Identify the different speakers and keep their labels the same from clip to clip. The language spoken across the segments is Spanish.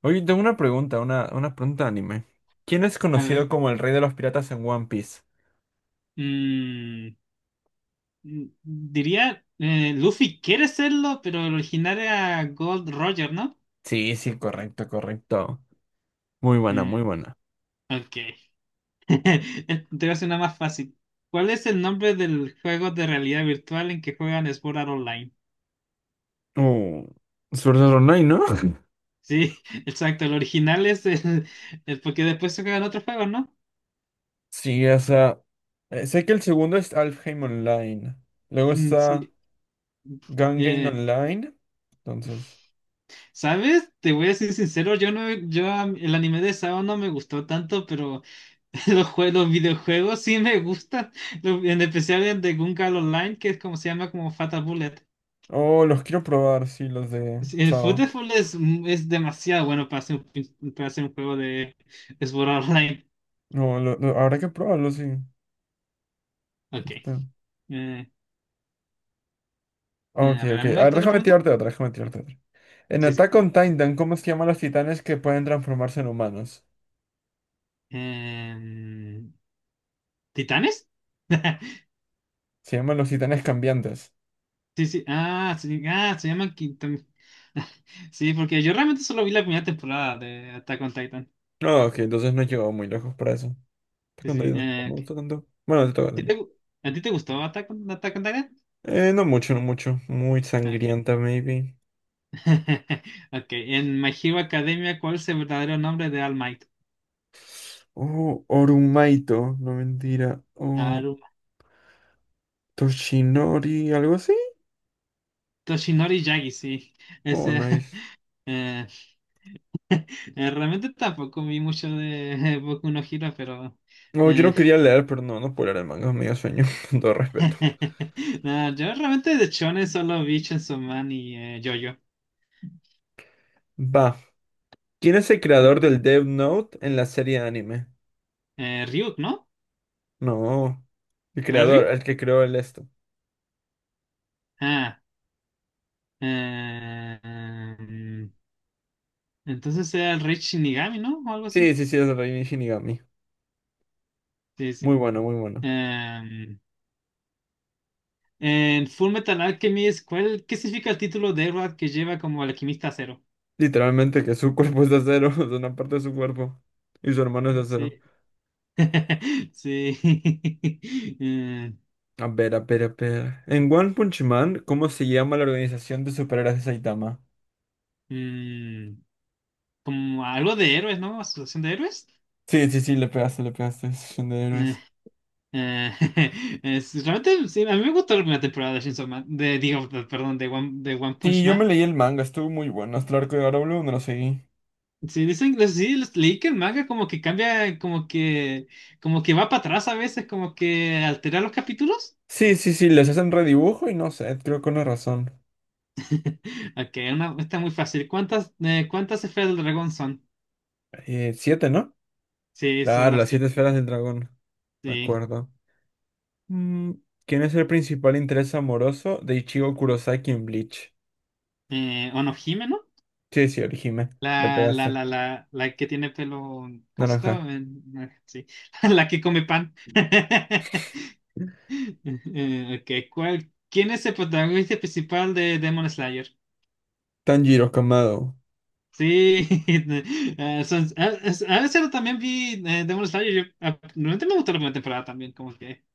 Speaker 1: Oye, tengo una pregunta, una pregunta de anime. ¿Quién es
Speaker 2: A
Speaker 1: conocido
Speaker 2: ver.
Speaker 1: como el rey de los piratas en One Piece?
Speaker 2: mm, diría, Luffy quiere serlo, pero el original era Gold Roger, ¿no?
Speaker 1: Sí, sí, correcto, correcto. Muy buena,
Speaker 2: Mm,
Speaker 1: muy buena.
Speaker 2: ok. Te voy a hacer una más fácil. ¿Cuál es el nombre del juego de realidad virtual en que juegan Sword Art Online?
Speaker 1: Uh, Sword Art Online, ¿no?
Speaker 2: Sí, exacto. El original es el- Porque después se juegan otros juegos, ¿no?
Speaker 1: Sí, o sea, sé que el segundo es Alfheim Online. Luego
Speaker 2: Mm,
Speaker 1: está
Speaker 2: sí.
Speaker 1: Gun
Speaker 2: Eh,
Speaker 1: Online. Entonces,
Speaker 2: ¿Sabes? Te voy a ser sincero, yo no, yo am- el anime de Sao no me gustó tanto, pero los videojuegos sí me gustan, en especial el de Gun Gungal Online, que es como se llama como Fatal Bullet.
Speaker 1: oh, los quiero probar, sí, los de
Speaker 2: Sí, el
Speaker 1: Sao.
Speaker 2: Football es demasiado bueno para hacer un juego de Sword Online.
Speaker 1: No, habrá que probarlos, sí.
Speaker 2: Ok.
Speaker 1: Está.
Speaker 2: Eh,
Speaker 1: Ok,
Speaker 2: a ver,
Speaker 1: ok.
Speaker 2: ¿a mí una
Speaker 1: A ver,
Speaker 2: otra
Speaker 1: déjame
Speaker 2: pregunta?
Speaker 1: tirarte otra, déjame tirarte otra. En
Speaker 2: Sí, sí.
Speaker 1: Attack on Titan, ¿cómo se llaman los titanes que pueden transformarse en humanos?
Speaker 2: Em, ¿Titanes?
Speaker 1: Se llaman los titanes cambiantes.
Speaker 2: Sí, sí. Ah, sí, ah, se llaman Kitam- Sí, porque yo realmente solo vi la primera temporada de Attack on Titan.
Speaker 1: No, ok, entonces no he llegado muy lejos para eso. Attack
Speaker 2: Sí,
Speaker 1: on
Speaker 2: sí.
Speaker 1: Titan, no me gusta
Speaker 2: Ok.
Speaker 1: tanto. Bueno, te toca.
Speaker 2: ¿Sí te gu- ¿A ti te gustó Attack on Titan?
Speaker 1: No mucho, no mucho. Muy
Speaker 2: Ok.
Speaker 1: sangrienta, maybe.
Speaker 2: Ok, en My Hero Academia, ¿cuál es el verdadero nombre de All Might?
Speaker 1: Oh, Orumaito, no mentira. Oh,
Speaker 2: Aruma.
Speaker 1: Toshinori, algo así.
Speaker 2: Toshinori Yagi, sí.
Speaker 1: Oh,
Speaker 2: Ese,
Speaker 1: nice.
Speaker 2: eh, realmente tampoco vi mucho de Boku no Hero, pero…
Speaker 1: No, yo
Speaker 2: eh,
Speaker 1: no quería leer, pero no, no puedo leer el manga, me dio sueño, con todo respeto.
Speaker 2: no, yo realmente de Shonen solo vi Chainsaw Man y JoJo.
Speaker 1: Va. ¿Quién es el
Speaker 2: Eh,
Speaker 1: creador del Death Note en la serie anime?
Speaker 2: Ryuk, ¿no?
Speaker 1: No. El
Speaker 2: ¿No era
Speaker 1: creador,
Speaker 2: Ryuk?
Speaker 1: el que creó el esto.
Speaker 2: Ah, eh, em, entonces era el Rey Shinigami, ¿no? O algo así.
Speaker 1: Sí, sí, sí, es Reini Shinigami.
Speaker 2: Sí,
Speaker 1: Muy
Speaker 2: sí.
Speaker 1: bueno, muy bueno.
Speaker 2: Em, En Full Metal Alchemist, ¿qué significa el título de Edward que lleva como alquimista cero?
Speaker 1: Literalmente que su cuerpo es de acero, o una parte de su cuerpo. Y su hermano es de
Speaker 2: Sí,
Speaker 1: acero.
Speaker 2: sí.
Speaker 1: A ver, a ver, a ver. En One Punch Man, ¿cómo se llama la organización de superhéroes de Saitama?
Speaker 2: Eh, mm, Como algo de héroes, ¿no? Asociación de héroes.
Speaker 1: Sí, sí, sí, le pegaste, le pegaste. Asociación de
Speaker 2: Eh,
Speaker 1: héroes.
Speaker 2: eh, Realmente, sí, a mí me gustó la primera temporada de Chainsaw Man, de, digo, de- perdón, de One
Speaker 1: Sí,
Speaker 2: Punch
Speaker 1: yo me
Speaker 2: Man.
Speaker 1: leí el manga, estuvo muy bueno. Hasta el arco de Garou no lo seguí.
Speaker 2: Sí, dicen, sí, leí que el manga como que cambia, como que va para atrás a veces, como que altera los capítulos.
Speaker 1: Sí, sí, sí, les hacen redibujo y no sé, creo que con una razón.
Speaker 2: Ok, está muy fácil. ¿Cuántas esferas del dragón son?
Speaker 1: 7, ¿no?
Speaker 2: Sí, son
Speaker 1: Claro,
Speaker 2: las
Speaker 1: las 7
Speaker 2: siete.
Speaker 1: esferas del dragón. Me
Speaker 2: Sí.
Speaker 1: acuerdo. Mm, ¿Quién es el principal interés amoroso de Ichigo Kurosaki en Bleach?
Speaker 2: Onohime, ¿no?
Speaker 1: Sí, sí, Orihime. Le
Speaker 2: La, la,
Speaker 1: pegaste.
Speaker 2: la, la, la que tiene pelo. ¿Cómo se
Speaker 1: Naranja.
Speaker 2: llama? Sí. La que come pan. Ok, ¿Quién es el protagonista principal de Demon Slayer?
Speaker 1: Tanjiro Kamado.
Speaker 2: Sí, a veces también vi Demon Slayer. Realmente me gustó la primera temporada también, como que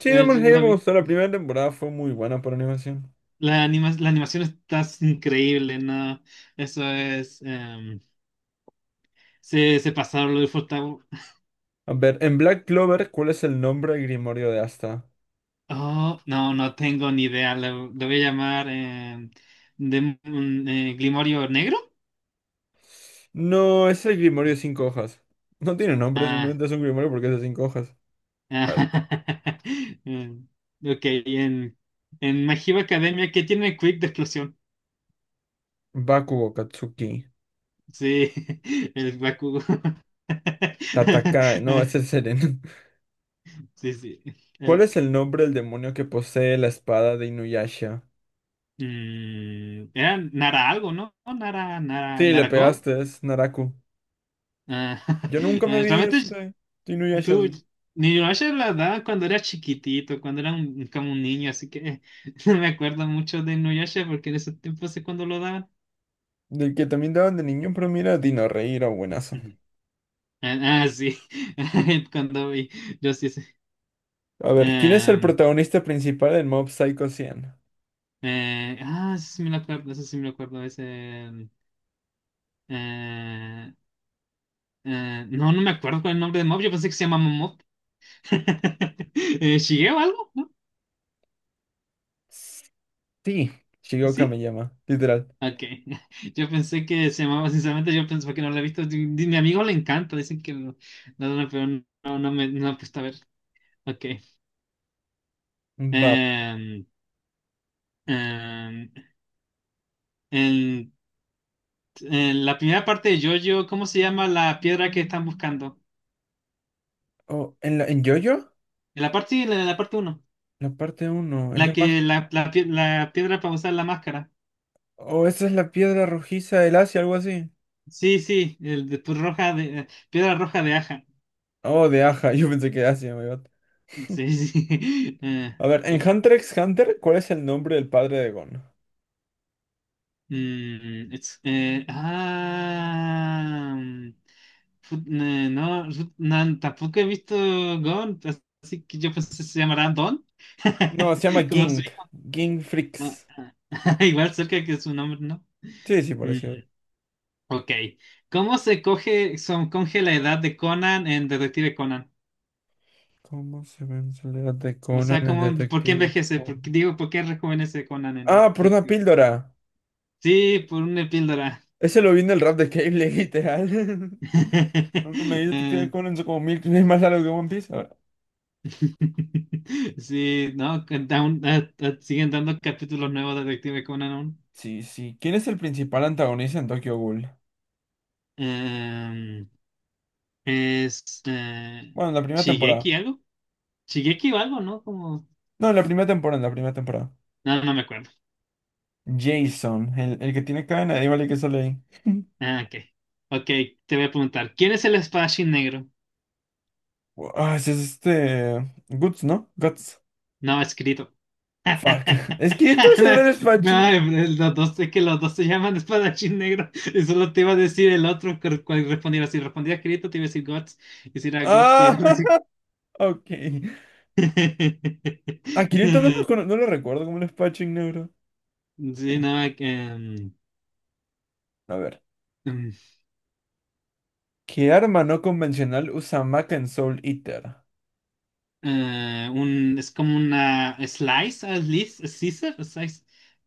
Speaker 1: Sí, Demon
Speaker 2: yo
Speaker 1: Slayer
Speaker 2: la
Speaker 1: me
Speaker 2: vi.
Speaker 1: gustó. La primera temporada fue muy buena por animación.
Speaker 2: La animación está increíble, ¿no? Eso es. Se pasaron lo disfrutaba.
Speaker 1: A ver, en Black Clover, ¿cuál es el nombre del Grimorio de Asta?
Speaker 2: Oh, no, no tengo ni idea. Lo voy a llamar Grimorio Negro.
Speaker 1: No, es el Grimorio de cinco hojas. No tiene nombre,
Speaker 2: Ah,
Speaker 1: simplemente es un Grimorio porque es de cinco hojas.
Speaker 2: ah,
Speaker 1: A ver,
Speaker 2: em, ok, en My Hero Academia, ¿qué tiene Quick de explosión?
Speaker 1: Bakugo Katsuki.
Speaker 2: Sí, el Bakugo.
Speaker 1: Tatakae. No, ese es el Seren.
Speaker 2: Sí, sí.
Speaker 1: ¿Cuál
Speaker 2: El,
Speaker 1: es el nombre del demonio que posee la espada de Inuyasha?
Speaker 2: mm, era Nara algo, ¿no? Nara,
Speaker 1: Sí, le
Speaker 2: Narako.
Speaker 1: pegaste, es Naraku.
Speaker 2: Ah,
Speaker 1: Yo nunca me vi
Speaker 2: Realmente
Speaker 1: este de Inuyasha,
Speaker 2: tú,
Speaker 1: sí.
Speaker 2: Inuyasha la daba cuando era chiquitito, cuando era como un niño, así que no me acuerdo mucho de Inuyasha porque en esos tiempos sé cuando lo daban.
Speaker 1: Del que también daban de niño, pero mira, Dino Rey era buenazo.
Speaker 2: Ujú. Ah, ah, sí, cuando vi, yo sí sé.
Speaker 1: A ver, ¿quién es el
Speaker 2: Em,
Speaker 1: protagonista principal del Mob Psycho 100?
Speaker 2: Eso sí me lo acuerdo, eso sí me lo acuerdo, ese… em, eh, no, no me acuerdo cuál es el nombre de Mob, yo pensé que se llamaba Mob. ¿Shigeo algo? ¿No?
Speaker 1: Sí, Shigeo
Speaker 2: Sí.
Speaker 1: Kamiyama, literal.
Speaker 2: Ok. Yo pensé que se llamaba, sinceramente, yo pensé que no la he visto. Mi amigo le encanta, no, no, pero no, no no me no he puesto a ver. Ok.
Speaker 1: Va.
Speaker 2: Em, em, en, en la primera parte de JoJo, ¿cómo se llama la piedra que están buscando?
Speaker 1: Oh, ¿en la, en JoJo?
Speaker 2: En la parte, en la, la parte uno,
Speaker 1: La parte uno, es
Speaker 2: La
Speaker 1: la
Speaker 2: que,
Speaker 1: más...
Speaker 2: la, pie- la piedra para usar la máscara.
Speaker 1: Oh, esa es la piedra rojiza del Asia, algo así.
Speaker 2: Sí, sí, el de tu roja de, piedra roja de aja.
Speaker 1: Oh, de Aja, yo pensé que Asia, my God.
Speaker 2: Sí, sí.
Speaker 1: A ver, en
Speaker 2: Ok.
Speaker 1: Hunter x Hunter, ¿cuál es el nombre del padre de Gon?
Speaker 2: Mm, it's, ah, mm, fut- no, fut- nan- Tampoco he visto Gon, así que yo pensé que se llamará Don,
Speaker 1: No, se llama
Speaker 2: como su
Speaker 1: King.
Speaker 2: hijo.
Speaker 1: King
Speaker 2: Ah,
Speaker 1: Freaks.
Speaker 2: ah, Igual cerca que su nombre, ¿no?
Speaker 1: Sí, sí,
Speaker 2: Mm,
Speaker 1: pareció.
Speaker 2: ok. ¿Cómo se coge, son, ¿Coge la edad de Conan en Detective Conan?
Speaker 1: ¿Cómo se ve en soledad de
Speaker 2: O
Speaker 1: Conan
Speaker 2: sea,
Speaker 1: el
Speaker 2: ¿por qué
Speaker 1: detective?
Speaker 2: envejece?
Speaker 1: Oh.
Speaker 2: ¿Por qué rejuvenece Conan en
Speaker 1: Ah, por una
Speaker 2: Detective?
Speaker 1: píldora.
Speaker 2: Sí, por una píldora.
Speaker 1: Ese lo vi en el rap de Cable, literal. Nunca me vi detective
Speaker 2: Eh,
Speaker 1: Conan, son como mil veces más largo que One Piece. Ahora,
Speaker 2: Sí, no, que siguen dando capítulos nuevos de Detective Conan aún.
Speaker 1: sí, sí. ¿Quién es el principal antagonista en Tokyo Ghoul?
Speaker 2: Em, es
Speaker 1: Bueno, en la primera temporada.
Speaker 2: Shigeki algo. Shigeki o algo, ¿no? Como…
Speaker 1: No, en la primera temporada, en la primera temporada.
Speaker 2: No, no me acuerdo.
Speaker 1: Jason, el que tiene cadena, igual el que sale ahí.
Speaker 2: Ah, ok. Ok, te voy a preguntar. ¿Quién es el espadachín negro?
Speaker 1: Ah, ese es este. Guts, ¿no? Guts.
Speaker 2: No, escrito.
Speaker 1: Fuck. Es que esto es el
Speaker 2: No,
Speaker 1: espadachín.
Speaker 2: los dos, es que los dos se llaman espadachín negro. Y solo te iba a decir el otro, cuál respondiera. Si respondía escrito, te iba a decir Guts. Y si era Guts, te iba a
Speaker 1: Ah,
Speaker 2: decir
Speaker 1: ok. A
Speaker 2: Sí,
Speaker 1: Kirito no lo, no lo recuerdo como un Spatching Neuro.
Speaker 2: no, que,
Speaker 1: A ver.
Speaker 2: mm, mm,
Speaker 1: ¿Qué arma no convencional usa Maka en Soul Eater?
Speaker 2: un, es como una slice,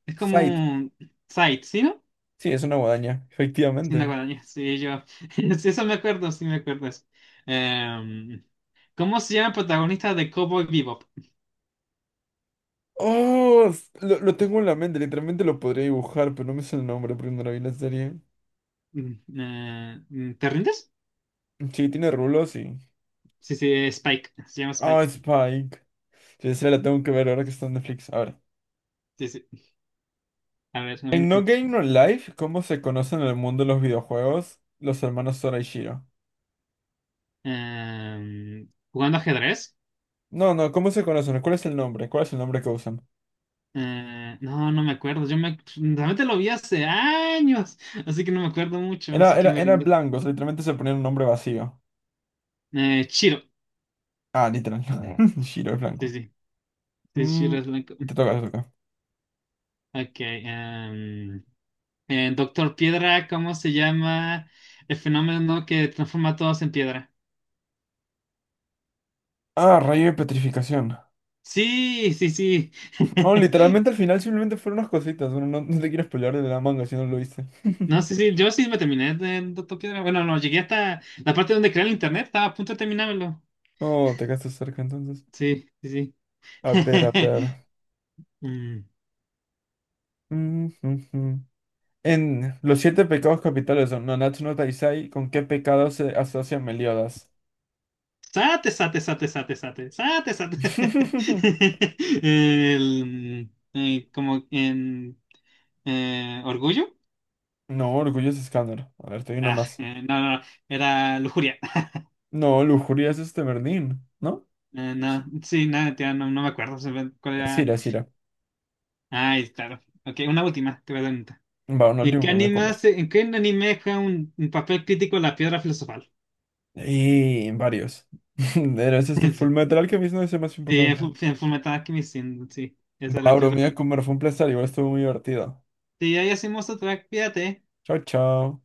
Speaker 2: es
Speaker 1: Sight.
Speaker 2: como un side, ¿sí, no?
Speaker 1: Sí, es una guadaña,
Speaker 2: Sí, una
Speaker 1: efectivamente.
Speaker 2: guadaña, sí, yo, sí, eso me acuerdo, sí me acuerdo eso. Em, ¿Cómo se llama el protagonista de Cowboy Bebop?
Speaker 1: Oh, lo tengo en la mente, literalmente lo podría dibujar, pero no me sé el nombre porque no la vi la serie.
Speaker 2: Mm, ¿Te rindes?
Speaker 1: Sí, tiene rulos y...
Speaker 2: Sí, sí, Spike, se llama
Speaker 1: Oh,
Speaker 2: Spike,
Speaker 1: Spike. Sí, esa la tengo que ver ahora que está en Netflix. A ver.
Speaker 2: sí, sí, a ver, una
Speaker 1: En No
Speaker 2: pregunta.
Speaker 1: Game No Life, ¿cómo se conocen en el mundo de los videojuegos los hermanos Sora y Shiro?
Speaker 2: ¿Jugando ajedrez?
Speaker 1: No, no, ¿cómo se conocen? ¿Cuál es el nombre? ¿Cuál es el nombre que usan?
Speaker 2: No, no me acuerdo. Yo me realmente lo vi hace años, así que no me acuerdo mucho,
Speaker 1: Era,
Speaker 2: así que
Speaker 1: era,
Speaker 2: me
Speaker 1: era
Speaker 2: rindo.
Speaker 1: blancos, literalmente se ponían un nombre vacío.
Speaker 2: Chiro,
Speaker 1: Ah, literal. Shiro es
Speaker 2: sí,
Speaker 1: blanco.
Speaker 2: sí, sí,
Speaker 1: Mm,
Speaker 2: Chiro es blanco.
Speaker 1: te toca, te toca.
Speaker 2: Ok, Doctor Piedra, ¿cómo se llama el fenómeno que transforma a todos en piedra?
Speaker 1: Ah, rayo de petrificación.
Speaker 2: Sí, sí, sí.
Speaker 1: Oh, literalmente al final simplemente fueron unas cositas. Bueno, no, no te quiero spoilear de la manga si no lo viste.
Speaker 2: No, sí, sí, yo sí me terminé de Doctor Piedra. Bueno, no, llegué hasta la parte donde crea el internet, estaba a punto de terminármelo.
Speaker 1: Oh, te quedaste cerca entonces.
Speaker 2: Sí, sí, sí.
Speaker 1: A ver, a ver.
Speaker 2: Mm.
Speaker 1: Mm, mm, mm. En los 7 pecados capitales de Nanatsu no Taizai, ¿con qué pecado se asocia Meliodas?
Speaker 2: Sate. Como en orgullo.
Speaker 1: No, orgulloso escáner. A ver, te doy una
Speaker 2: Ah,
Speaker 1: más.
Speaker 2: no, era lujuria.
Speaker 1: No, lujuria es este Berlín, ¿no?
Speaker 2: No,
Speaker 1: Sí.
Speaker 2: sí, nada, tía, no, no me acuerdo se ve cuál
Speaker 1: Es
Speaker 2: era.
Speaker 1: ira, es ira.
Speaker 2: Ay, claro. Ok, una última, te voy a dar una.
Speaker 1: Va, un último que me voy a comer.
Speaker 2: ¿En qué anime juega un papel crítico la piedra filosofal?
Speaker 1: Y varios. Era ese este Full Metal que mismo es el más
Speaker 2: Sí, sí,
Speaker 1: importante.
Speaker 2: En Fullmetal Alchemist, sí, sí, esa es
Speaker 1: Va,
Speaker 2: la
Speaker 1: bro,
Speaker 2: piedra
Speaker 1: me voy a
Speaker 2: filosofal.
Speaker 1: comer. Fue un placer, igual estuvo muy divertido.
Speaker 2: Sí, ahí hacemos otra, fíjate.
Speaker 1: Chao, chao.